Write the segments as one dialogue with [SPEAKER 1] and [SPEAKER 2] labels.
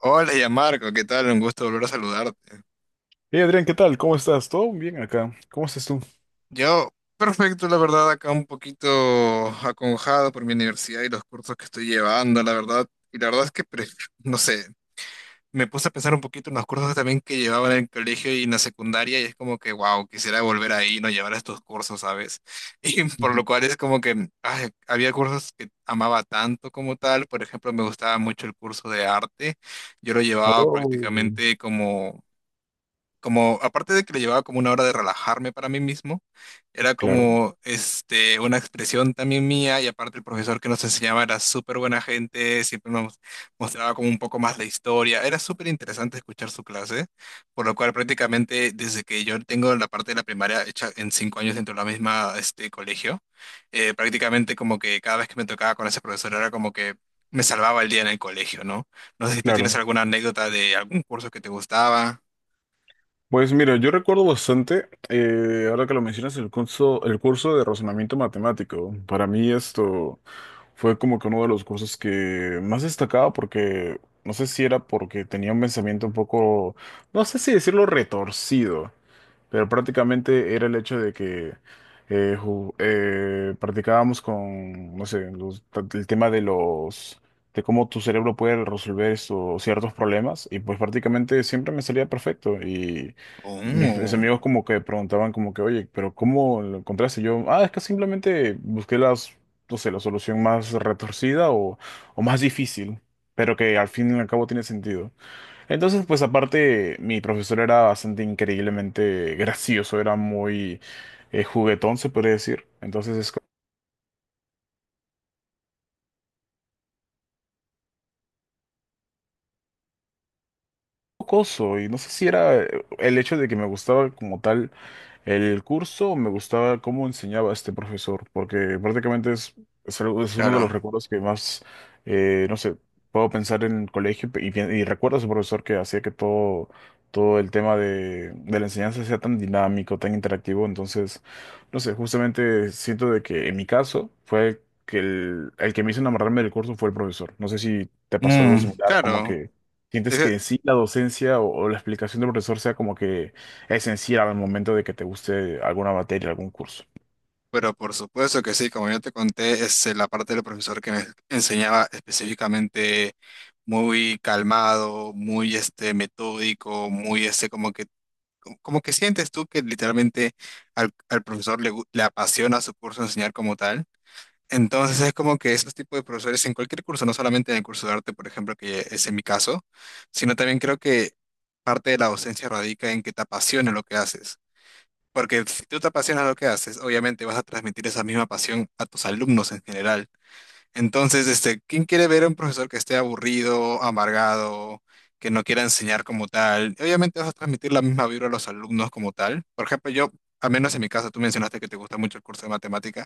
[SPEAKER 1] Hola, ya Marco, ¿qué tal? Un gusto volver a saludarte.
[SPEAKER 2] Hey Adrián, ¿qué tal? ¿Cómo estás? ¿Todo bien acá? ¿Cómo estás tú?
[SPEAKER 1] Yo, perfecto, la verdad, acá un poquito aconjado por mi universidad y los cursos que estoy llevando, la verdad. Y la verdad es que, no sé, me puse a pensar un poquito en los cursos también que llevaba en el colegio y en la secundaria y es como que, wow, quisiera volver ahí, no llevar estos cursos, ¿sabes? Y por
[SPEAKER 2] Ujú.
[SPEAKER 1] lo cual es como que ay, había cursos que amaba tanto como tal. Por ejemplo, me gustaba mucho el curso de arte. Yo lo llevaba
[SPEAKER 2] Oh,
[SPEAKER 1] prácticamente como... como, aparte de que le llevaba como una hora de relajarme para mí mismo, era
[SPEAKER 2] claro,
[SPEAKER 1] como, una expresión también mía y aparte el profesor que nos enseñaba era súper buena gente, siempre nos mostraba como un poco más la historia, era súper interesante escuchar su clase, por lo cual prácticamente desde que yo tengo la parte de la primaria hecha en cinco años dentro de la misma, colegio, prácticamente como que cada vez que me tocaba con ese profesor era como que me salvaba el día en el colegio, ¿no? No sé si tú
[SPEAKER 2] claro.
[SPEAKER 1] tienes alguna anécdota de algún curso que te gustaba.
[SPEAKER 2] Pues mira, yo recuerdo bastante, ahora que lo mencionas, el curso de razonamiento matemático. Para mí esto fue como que uno de los cursos que más destacaba porque, no sé si era porque tenía un pensamiento un poco, no sé si decirlo retorcido, pero prácticamente era el hecho de que practicábamos con, no sé, el tema de los, de cómo tu cerebro puede resolver estos ciertos problemas y pues prácticamente siempre me salía perfecto y mis
[SPEAKER 1] Oh,
[SPEAKER 2] amigos como que preguntaban como que, oye, pero ¿cómo lo encontraste? Yo, ah, es que simplemente busqué las, no sé, la solución más retorcida o más difícil, pero que al fin y al cabo tiene sentido. Entonces, pues aparte, mi profesor era bastante increíblemente gracioso, era muy juguetón, se podría decir. Entonces es como jocoso y no sé si era el hecho de que me gustaba como tal. El curso me gustaba cómo enseñaba este profesor, porque prácticamente es uno de los
[SPEAKER 1] claro.
[SPEAKER 2] recuerdos que más, no sé, puedo pensar en el colegio y, y recuerdo a su profesor que hacía que todo el tema de la enseñanza sea tan dinámico, tan interactivo. Entonces, no sé, justamente siento de que en mi caso fue que el que me hizo enamorarme del curso fue el profesor. No sé si te pasó algo
[SPEAKER 1] Mm,
[SPEAKER 2] similar, como
[SPEAKER 1] claro.
[SPEAKER 2] que sientes
[SPEAKER 1] Eh,
[SPEAKER 2] que sí, la docencia o la explicación del profesor sea como que esencial al momento de que te guste alguna materia, algún curso.
[SPEAKER 1] pero por supuesto que sí, como yo te conté, es la parte del profesor que me enseñaba específicamente muy calmado, muy este metódico, muy este como que sientes tú que literalmente al profesor le apasiona su curso enseñar como tal. Entonces es como que esos tipos de profesores en cualquier curso, no solamente en el curso de arte, por ejemplo, que es en mi caso, sino también creo que parte de la docencia radica en que te apasione lo que haces. Porque si tú te apasiona lo que haces, obviamente vas a transmitir esa misma pasión a tus alumnos en general. Entonces, ¿quién quiere ver a un profesor que esté aburrido, amargado, que no quiera enseñar como tal? Obviamente vas a transmitir la misma vibra a los alumnos como tal. Por ejemplo, yo, al menos en mi caso, tú mencionaste que te gusta mucho el curso de matemática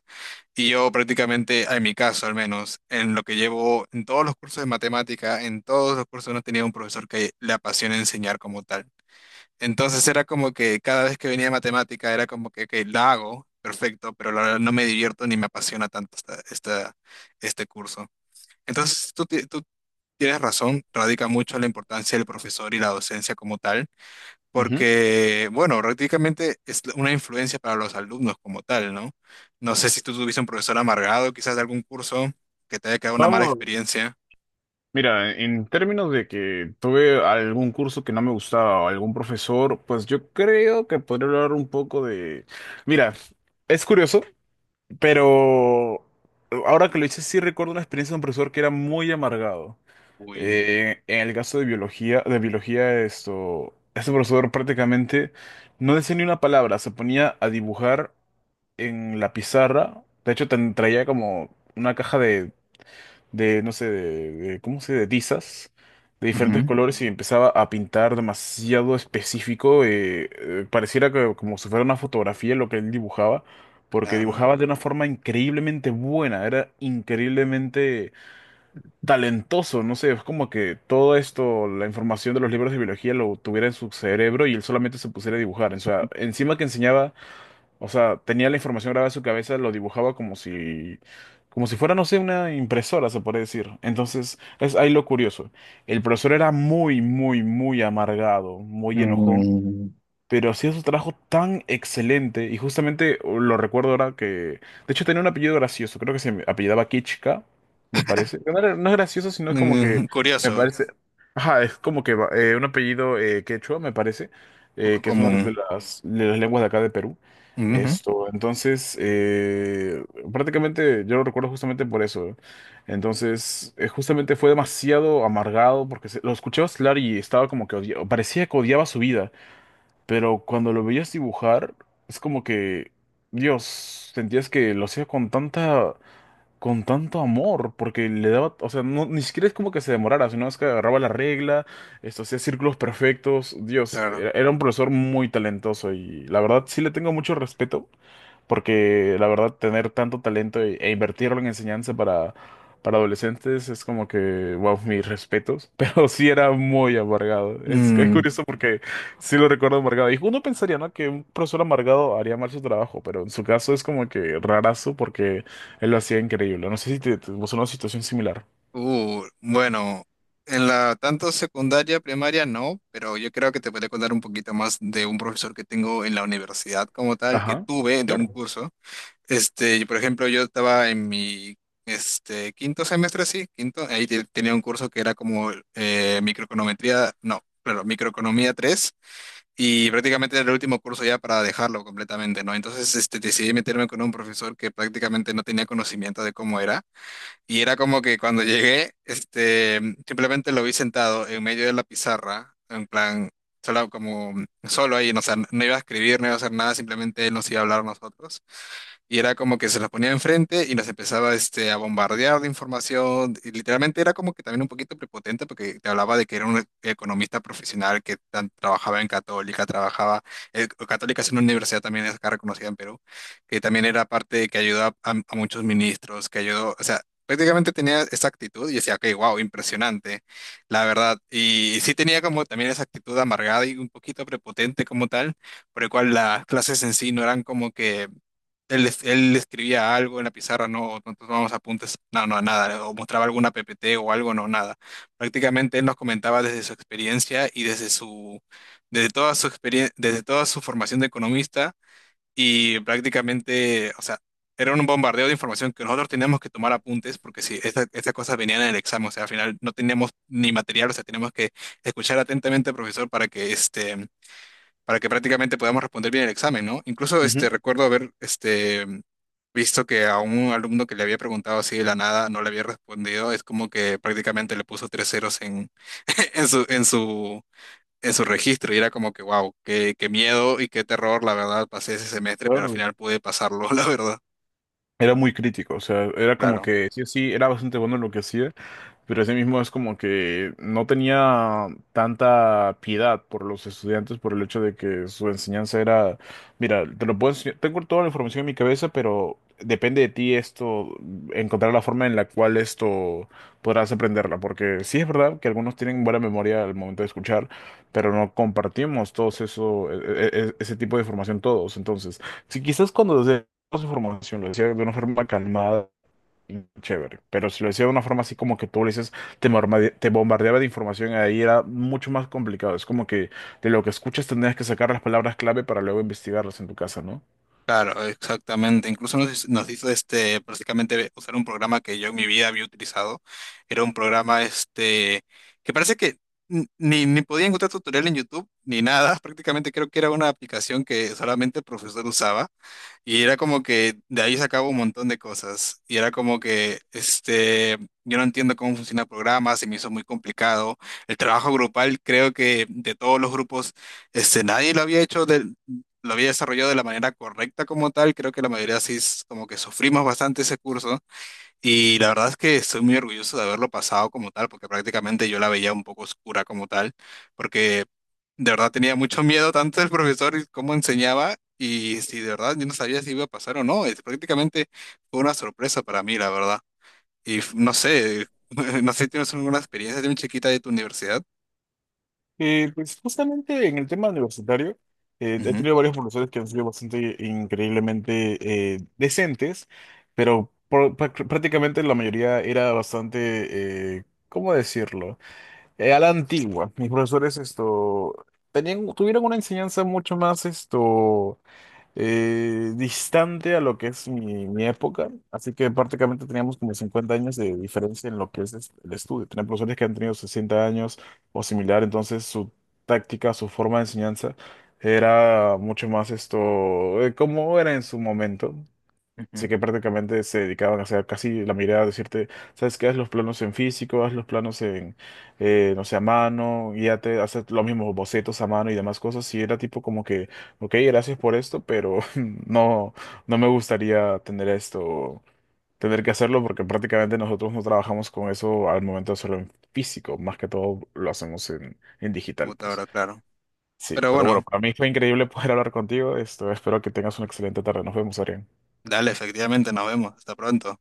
[SPEAKER 1] y yo prácticamente, en mi caso al menos, en lo que llevo en todos los cursos de matemática, en todos los cursos no he tenido un profesor que le apasione enseñar como tal. Entonces era como que cada vez que venía matemática era como que, ok, la hago, perfecto, pero la verdad no me divierto ni me apasiona tanto este curso. Entonces tú tienes razón, radica mucho la importancia del profesor y la docencia como tal,
[SPEAKER 2] Ujú.
[SPEAKER 1] porque, bueno, prácticamente es una influencia para los alumnos como tal, ¿no? No sé si tú tuviste un profesor amargado, quizás de algún curso que te haya quedado una mala
[SPEAKER 2] Vamos,
[SPEAKER 1] experiencia.
[SPEAKER 2] mira, en términos de que tuve algún curso que no me gustaba o algún profesor, pues yo creo que podría hablar un poco de. Mira, es curioso, pero ahora que lo hice sí recuerdo una experiencia de un profesor que era muy amargado.
[SPEAKER 1] Uy.
[SPEAKER 2] En el caso de biología, esto, este profesor prácticamente no decía ni una palabra, se ponía a dibujar en la pizarra. De hecho, traía como una caja de, no sé, ¿cómo se dice? De tizas de diferentes
[SPEAKER 1] Ujú.
[SPEAKER 2] colores y empezaba a pintar demasiado específico. Pareciera que como si fuera una fotografía lo que él dibujaba, porque
[SPEAKER 1] Claro.
[SPEAKER 2] dibujaba de una forma increíblemente buena, era increíblemente talentoso, no sé, es como que todo esto, la información de los libros de biología lo tuviera en su cerebro y él solamente se pusiera a dibujar. O sea, encima que enseñaba, o sea, tenía la información grabada en su cabeza, lo dibujaba como si fuera, no sé, una impresora, se puede decir. Entonces, es ahí lo curioso. El profesor era muy, muy, muy amargado, muy enojón,
[SPEAKER 1] Mm.
[SPEAKER 2] pero hacía su trabajo tan excelente y justamente, lo recuerdo ahora que, de hecho, tenía un apellido gracioso, creo que se me apellidaba Kichka, me parece. No, no es gracioso, sino es como que,
[SPEAKER 1] Mm,
[SPEAKER 2] me
[SPEAKER 1] curioso,
[SPEAKER 2] parece, ajá, es como que un apellido quechua, me parece,
[SPEAKER 1] poco
[SPEAKER 2] que es una
[SPEAKER 1] común.
[SPEAKER 2] de las lenguas de acá de Perú.
[SPEAKER 1] Ujú.
[SPEAKER 2] Esto, entonces, prácticamente yo lo recuerdo justamente por eso. Entonces, justamente fue demasiado amargado porque lo escuchaba hablar y estaba como que parecía que odiaba su vida. Pero cuando lo veías dibujar, es como que, Dios, sentías que lo hacía con tanta, con tanto amor, porque le daba, o sea, no, ni siquiera es como que se demorara, sino es que agarraba la regla, esto hacía círculos perfectos. Dios,
[SPEAKER 1] Claro.
[SPEAKER 2] era un profesor muy talentoso y la verdad sí le tengo mucho respeto, porque la verdad, tener tanto talento e invertirlo en enseñanza para adolescentes es como que, wow, mis respetos. Pero sí era muy amargado. Es
[SPEAKER 1] Mm,
[SPEAKER 2] curioso porque sí lo recuerdo amargado. Y uno pensaría, ¿no? Que un profesor amargado haría mal su trabajo, pero en su caso es como que rarazo porque él lo hacía increíble. No sé si te pasó una situación similar.
[SPEAKER 1] bueno, en la tanto secundaria, primaria no, pero yo creo que te podría contar un poquito más de un profesor que tengo en la universidad como tal, que
[SPEAKER 2] Ajá,
[SPEAKER 1] tuve de un
[SPEAKER 2] claro.
[SPEAKER 1] curso. Por ejemplo, yo estaba en mi quinto semestre, sí, quinto, ahí tenía un curso que era como microeconometría, no, claro, microeconomía tres. Y prácticamente era el último curso ya para dejarlo completamente, ¿no? Entonces, decidí meterme con un profesor que prácticamente no tenía conocimiento de cómo era. Y era como que cuando llegué, simplemente lo vi sentado en medio de la pizarra, en plan, solo como, solo ahí, no, o sea, no iba a escribir, no iba a hacer nada, simplemente él nos iba a hablar a nosotros y era como que se las ponía enfrente y nos empezaba a bombardear de información. Y literalmente era como que también un poquito prepotente porque te hablaba de que era un economista profesional que trabajaba en Católica, trabajaba, Católica es una universidad también es acá reconocida en Perú, que también era parte de que ayudó a muchos ministros, que ayudó, o sea, prácticamente tenía esa actitud y decía, ok, wow, impresionante, la verdad. Y sí tenía como también esa actitud amargada y un poquito prepotente como tal, por el cual las clases en sí no eran como que... Él, él escribía algo en la pizarra, no, no tomábamos apuntes, no, no, nada, o mostraba alguna PPT o algo, no, nada. Prácticamente él nos comentaba desde su experiencia y desde desde toda su experiencia, desde toda su formación de economista y prácticamente, o sea, era un bombardeo de información que nosotros teníamos que tomar apuntes porque si estas cosas venían en el examen, o sea, al final no teníamos ni material, o sea, teníamos que escuchar atentamente al profesor para que prácticamente podamos responder bien el examen, ¿no? Incluso
[SPEAKER 2] Ujú.
[SPEAKER 1] recuerdo visto que a un alumno que le había preguntado así de la nada no le había respondido, es como que prácticamente le puso tres ceros en, en su, en su, en su registro y era como que, wow, qué, qué miedo y qué terror, la verdad, pasé ese semestre, pero al
[SPEAKER 2] Claro.
[SPEAKER 1] final pude pasarlo, la verdad.
[SPEAKER 2] Era muy crítico, o sea, era como
[SPEAKER 1] Claro.
[SPEAKER 2] que sí o sí, era bastante bueno en lo que hacía. Pero ese mismo es como que no tenía tanta piedad por los estudiantes por el hecho de que su enseñanza era, mira, te lo puedo enseñar, tengo toda la información en mi cabeza, pero depende de ti esto, encontrar la forma en la cual esto podrás aprenderla, porque sí es verdad que algunos tienen buena memoria al momento de escuchar, pero no compartimos todos eso, ese tipo de información todos. Entonces, si quizás cuando desde información lo decía de una forma calmada, chévere, pero si lo decía de una forma así como que tú le dices, te bombardeaba de información, ahí era mucho más complicado. Es como que de lo que escuchas tendrías que sacar las palabras clave para luego investigarlas en tu casa, ¿no?
[SPEAKER 1] Claro, exactamente. Incluso nos hizo prácticamente usar un programa que yo en mi vida había utilizado. Era un programa que parece que ni podía encontrar tutorial en YouTube ni nada. Prácticamente creo que era una aplicación que solamente el profesor usaba. Y era como que de ahí sacaba un montón de cosas. Y era como que, yo no entiendo cómo funciona el programa, se me hizo muy complicado. El trabajo grupal, creo que de todos los grupos, nadie lo había desarrollado de la manera correcta como tal. Creo que la mayoría sí es como que sufrimos bastante ese curso y la verdad es que estoy muy orgulloso de haberlo pasado como tal, porque prácticamente yo la veía un poco oscura como tal, porque de verdad tenía mucho miedo tanto del profesor y cómo enseñaba. Y si de verdad yo no sabía si iba a pasar o no, es prácticamente fue una sorpresa para mí, la verdad. Y no sé, no sé si tienes alguna experiencia de un chiquita de tu universidad.
[SPEAKER 2] Pues justamente en el tema universitario, he
[SPEAKER 1] Ujú,
[SPEAKER 2] tenido varios profesores que han sido bastante increíblemente decentes, pero prácticamente la mayoría era bastante, ¿cómo decirlo? A la antigua. Mis profesores esto, tuvieron una enseñanza mucho más esto, distante a lo que es mi época, así que prácticamente teníamos como 50 años de diferencia en lo que el estudio. Tenía profesores que han tenido 60 años o similar, entonces su táctica, su forma de enseñanza era mucho más esto, como era en su momento.
[SPEAKER 1] ujú.
[SPEAKER 2] Así que prácticamente se dedicaban a hacer casi la mirada, decirte, ¿sabes qué? Haz los planos en físico, haz los planos en, no sé, a mano, y ya te haces los mismos bocetos a mano y demás cosas. Y era tipo como que, ok, gracias por esto, pero no, no me gustaría tener esto, tener que hacerlo, porque prácticamente nosotros no trabajamos con eso al momento de hacerlo en físico, más que todo lo hacemos en digital,
[SPEAKER 1] Como te
[SPEAKER 2] pues.
[SPEAKER 1] habrá claro.
[SPEAKER 2] Sí,
[SPEAKER 1] Pero
[SPEAKER 2] pero bueno,
[SPEAKER 1] bueno,
[SPEAKER 2] para mí fue increíble poder hablar contigo. Esto, espero que tengas una excelente tarde. Nos vemos, Arián.
[SPEAKER 1] dale, efectivamente, nos vemos. Hasta pronto.